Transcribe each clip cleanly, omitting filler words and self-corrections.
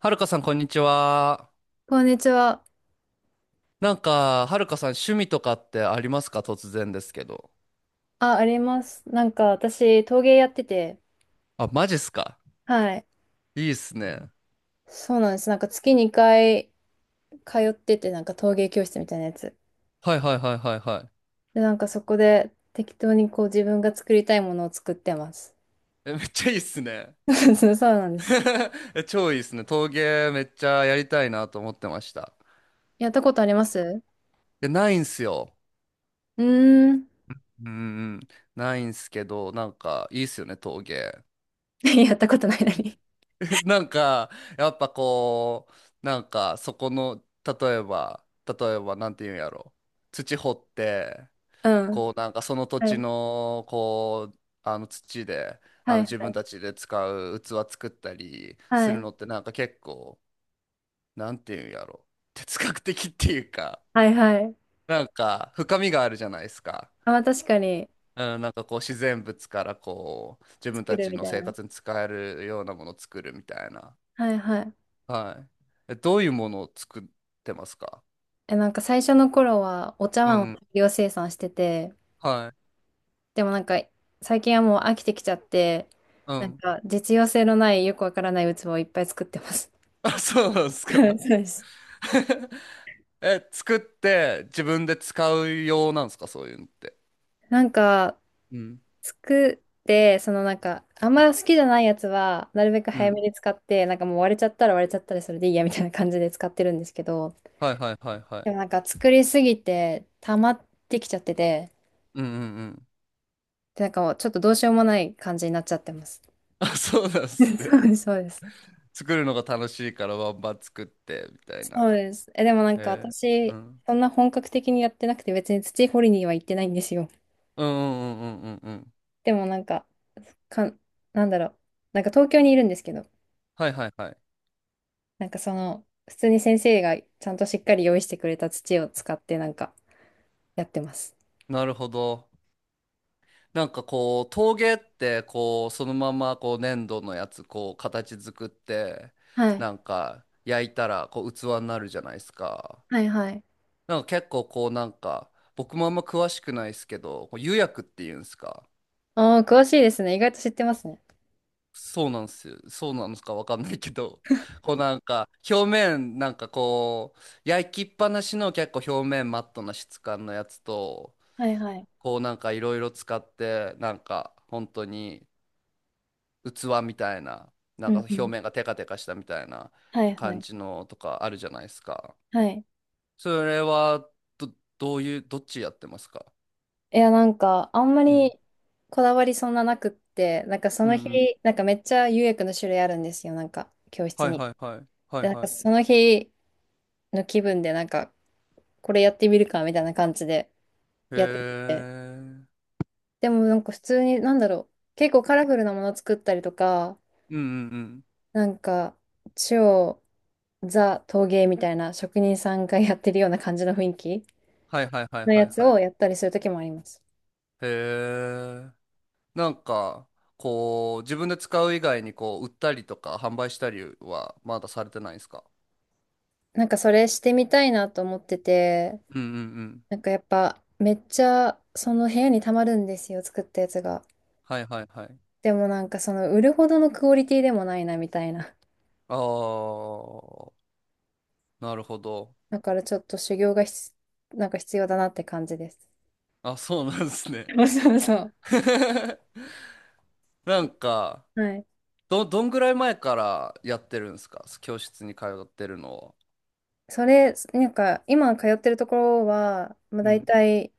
はるかさん、こんにちは。こんにちは。なんか、はるかさん、趣味とかってありますか、突然ですけど。あ、あります。私、陶芸やってて、あ、マジっすか？はい。いいっすね。そうなんです。月2回通ってて、陶芸教室みたいなやつ。はいはいはいはいはで、そこで適当にこう自分が作りたいものを作ってます。い。え、めっちゃいいっすね。そうなんです。え、超いいっすね。陶芸めっちゃやりたいなと思ってました。やったことあります？いや、ないんすよ。うーん。うんうん。ないんすけど、なんか、いいっすよね、陶芸。やったことないのに。なんか、やっぱこう、なんか、そこの、例えば、なんていうんやろ。土掘って、うん。こうなんかその土は地い。のこうあの土で、あはの、い。自は分たい。ちで使う器作ったりすはるい。のって、なんか結構、なんていうんやろ、哲学的っていうか、 はい。はい。 なんか深みがあるじゃないですか。あ、まあ確かに。うん、なんかこう自然物からこう自分作たるちみのたい生な。活に使えるようなものを作るみたいな。はいはい。はい。え、どういうものを作ってますか？え、最初の頃はお茶う碗をん。大量生産してて、はい。でも最近はもう飽きてきちゃって、うん。実用性のないよくわからない器をいっぱい作ってます。あ、そうなんです はい、か。そうです。え、作って自分で使う用なんですか、そういうのって。なんかうん、作って、そのあんま好きじゃないやつはなるべくう早ん。めに使って、もう割れちゃったら割れちゃったりそれでいいやみたいな感じで使ってるんですけど、はいはいはいはでもい。作りすぎて溜まってきちゃってて、うんうんうん。でもうちょっとどうしようもない感じになっちゃってます。あ、そうなんで すね。そうです、そうです。作るのが楽しいからバンバン作ってみたいそな。うです。え、でもえー、う私、ん。そんな本格的にやってなくて別に土掘りには行ってないんですよ。うんうんうんうんうんうん。でもか、なんだろう。東京にいるんですけど、はいはいはい。普通に先生がちゃんとしっかり用意してくれた土を使ってやってます。なるほど。なんかこう陶芸ってこうそのままこう粘土のやつこう形作って、はい。なんか焼いたらこう器になるじゃないですか。はいはい。なんか結構こうなんか、僕もあんま詳しくないですけど、こう釉薬っていうんですか。ああ、詳しいですね。意外と知ってますね。そうなんですよ。そうなのかわかんないけど、こうなんか表面なんかこう焼きっぱなしの結構表面マットな質感のやつと、はいはい。こうなんかいろいろ使ってなんか本当に器みたいな、なうんかんう表ん。面がテカテカしたみたいなはいは感い。じのとかあるじゃないですか。はい。それはど、どういう、どっちやってますか？いや、あんまうりんこだわりそんななくって、なんかそうの日、ん。めっちゃ釉薬の種類あるんですよ。教室はいに。はいはい。はいで、はその日の気分で、これやってみるかみたいな感じでい。へやってて。え。うんでも普通に、なんだろう、結構カラフルなもの作ったりとか、うんうん。なんか、超ザ陶芸みたいな職人さんがやってるような感じの雰囲気はいはいはいのはやいつはい。をやったりする時もあります。へえ。なんか、こう、自分で使う以外に、こう、売ったりとか、販売したりは、まだされてないんですか？それしてみたいなと思ってて、うんうんうん。やっぱめっちゃその部屋にたまるんですよ、作ったやつが。はいはいはい。でもその売るほどのクオリティでもないなみたいな。あー、なるほど。だからちょっと修行が必要だなって感じです。あ、そうなんです ね。そうそうそう。なんか、はい。どんぐらい前からやってるんですか、教室に通ってるのを。それ、今通ってるところは、まあ、う大ん。体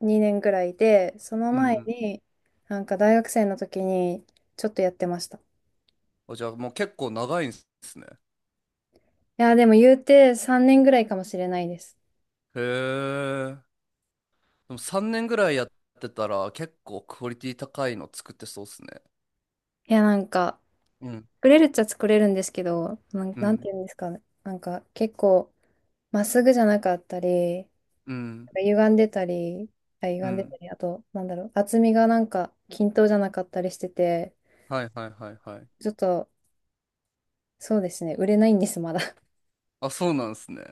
2年ぐらいで、そのうんう前ん。に、大学生の時にちょっとやってました。いあ、じゃあもう結構長いんですね。や、でも言うて3年ぐらいかもしれないです。へえ。でも3年ぐらいやってたら結構クオリティ高いの作ってそうっすね。いや、うん。作れるっちゃ作れるんですけど、うなんてん。言うんですかね。結構、まっすぐじゃなかったり、うん。歪んでたり、うん。あと、なんだろう、厚みが均等じゃなかったりしてて、はいはいはいはい。ちょっと、そうですね、売れないんです、まだ。あ、そうなんですね。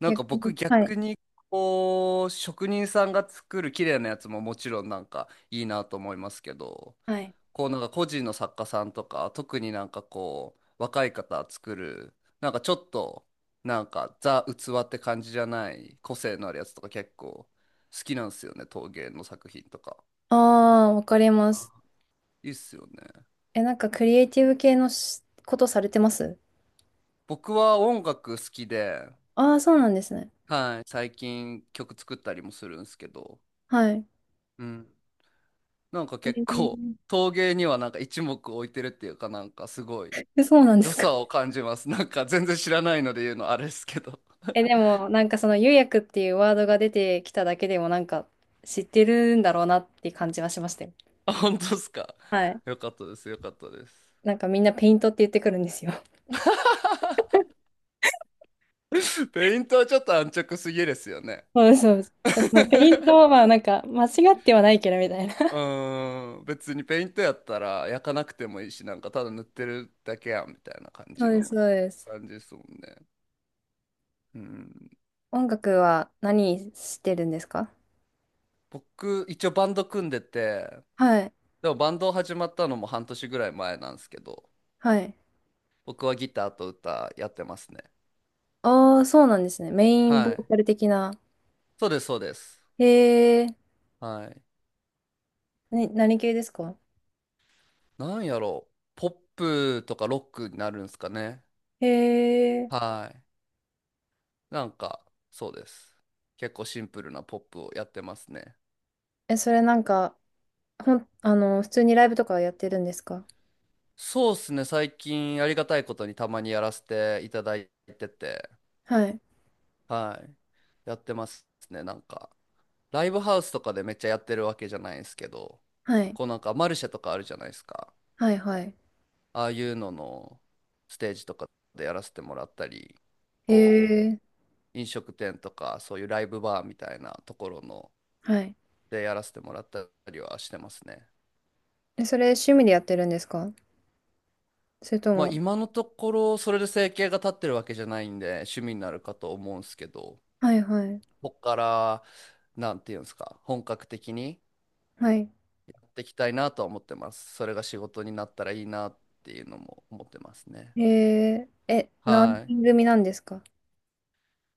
なんか逆に。僕はい。逆に、こう、職人さんが作る綺麗なやつももちろんなんかいいなと思いますけど、はい。こうなんか個人の作家さんとか特になんかこう若い方作るなんかちょっとなんかザ・器って感じじゃない個性のあるやつとか結構好きなんですよね、陶芸の作品とか。ああ、わかります。いいっすよね。え、クリエイティブ系のしことされてます？僕は音楽好きで、ああー、そうなんですね。はい、最近曲作ったりもするんですけど、はい。うん、なんかえ結構ー。陶芸にはなんか一目置いてるっていうか、なんかすごいえ、そうなんで良すか。さを感じます。なんか全然知らないので言うのあれですけど。え、でも、その釉薬っていうワードが出てきただけでも、知ってるんだろうなっていう感じはしましたよ。あ、本当ですか。はい。よかったです、よかったです。みんなペイントって言ってくるんですよ。ペイントはちょっと安直すぎですよね。そうです、そうです。そう、ペイント は間違ってはないけどみたいな。うーん、別にペイントやったら焼かなくてもいいし、なんかただ塗ってるだけやんみたいな感 そじうです、のそうです。感じですもんね。うん、音楽は何してるんですか？僕、一応バンド組んでて、はい、でもバンド始まったのも半年ぐらい前なんですけど、はい。僕はギターと歌やってますね。ああ、そうなんですね。メインボはーい。カル的な。そうです、そうです。へえ、はい。ね、何系ですか？なんやろう、ポップとかロックになるんですかね。へえ、はい。なんか、そうです。結構シンプルなポップをやってますね。え、それなんか、ほん、あの、普通にライブとかやってるんですか？そうですね、最近ありがたいことにたまにやらせていただいてて、はい、はい。やってますね、なんか。ライブハウスとかでめっちゃやってるわけじゃないんですけど、はい、こうなんかマルシェとかあるじゃないですか。はい、はい。ああいうののステージとかでやらせてもらったり、へこえ、う、飲食店とかそういうライブバーみたいなところのはい。でやらせてもらったりはしてますね。え、それ趣味でやってるんですか？それとまあも、今のところそれで生計が立ってるわけじゃないんで趣味になるかと思うんですけど、はい、はい、ここからなんていうんですか、本格的にはい。やっていきたいなとは思ってます。それが仕事になったらいいなっていうのも思ってますね。へえ、え、何は人組なんですか？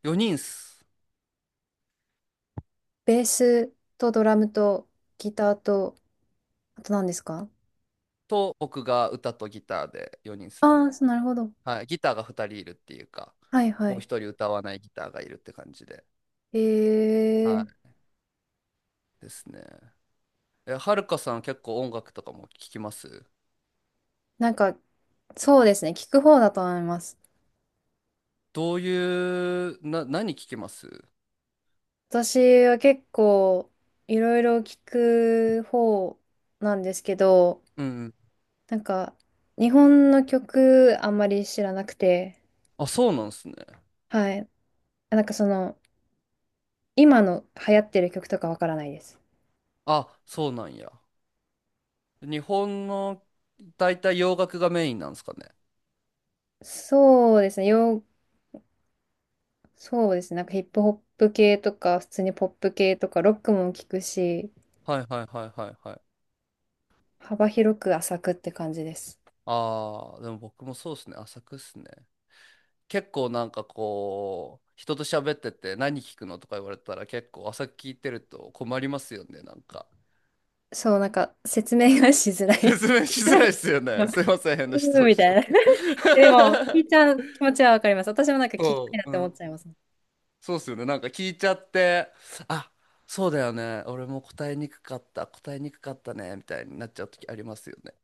い。4人っす。ベースとドラムとギターと、あと何ですか？と僕が歌とギターで4人っすああね。ー、そう、なるほど。はい。ギターが2人いるっていうか、はいはもうい。1人歌わないギターがいるって感じで。えはー、い。ですね。え、はるかさん結構音楽とかも聞きます？なんか、そうですね、聞く方だと思います。どういう、何聞きます？私は結構、いろいろ聞く方なんですけど、うん。なんか、日本の曲あんまり知らなくて、あ、そうなんですね。はい。なんかその、今の流行ってる曲とかわからないです。あ、そうなんや。日本の、大体洋楽がメインなんですかね。そうですね、洋、そうですね。ヒップホップ系とか、普通にポップ系とか、ロックも聞くし、はいはいはいはいはい。幅広く浅くって感じです。ああ、でも僕もそうですね。浅くっすね。結構なんかこう、人と喋ってて何聞くのとか言われたら結構浅く聞いてると困りますよね、なんか。そう、説明がしづらい。 説明しづらい っすよね。すいません、変な質うん問みしちたゃいっな。て。でも、聞いち ゃう気持ちはわかります。私も聞きたそいなっう。うて思っん、ちゃいます。そうっすよね。なんか聞いちゃって、あ、そうだよね、俺も答えにくかった、答えにくかったね、みたいになっちゃう時ありますよね。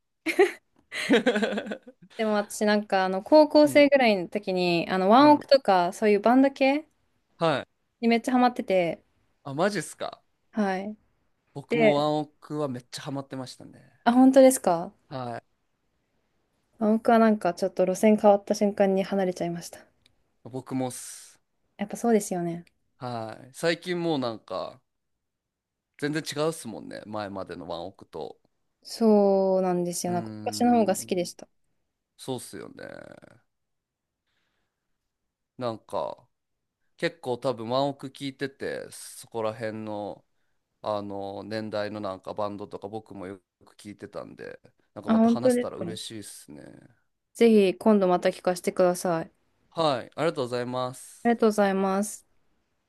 でも私高校う生ん。ぐらいの時に、あの、ワうンオん。クとか、そういうバンド系はい。にめっちゃハマってて、あ、マジっすか。はい。僕もワで、ンオクはめっちゃハマってましたね。あ、本当ですか？はい。ワンオクはちょっと路線変わった瞬間に離れちゃいました。僕もっす。やっぱそうですよね。はい。最近もうなんか、全然違うっすもんね、前までのワンオクと。そうなんですうよ。ー昔の方が好きでん。した。そうっすよね。なんか、結構多分ワンオク聞いてて、そこら辺の、あの年代のなんかバンドとか僕もよく聞いてたんで、なんかあ、また本当話せでたすらか。嬉しいですね。ぜひ今度また聞かせてください。はい、ありがとうございまあす。りがとうございます。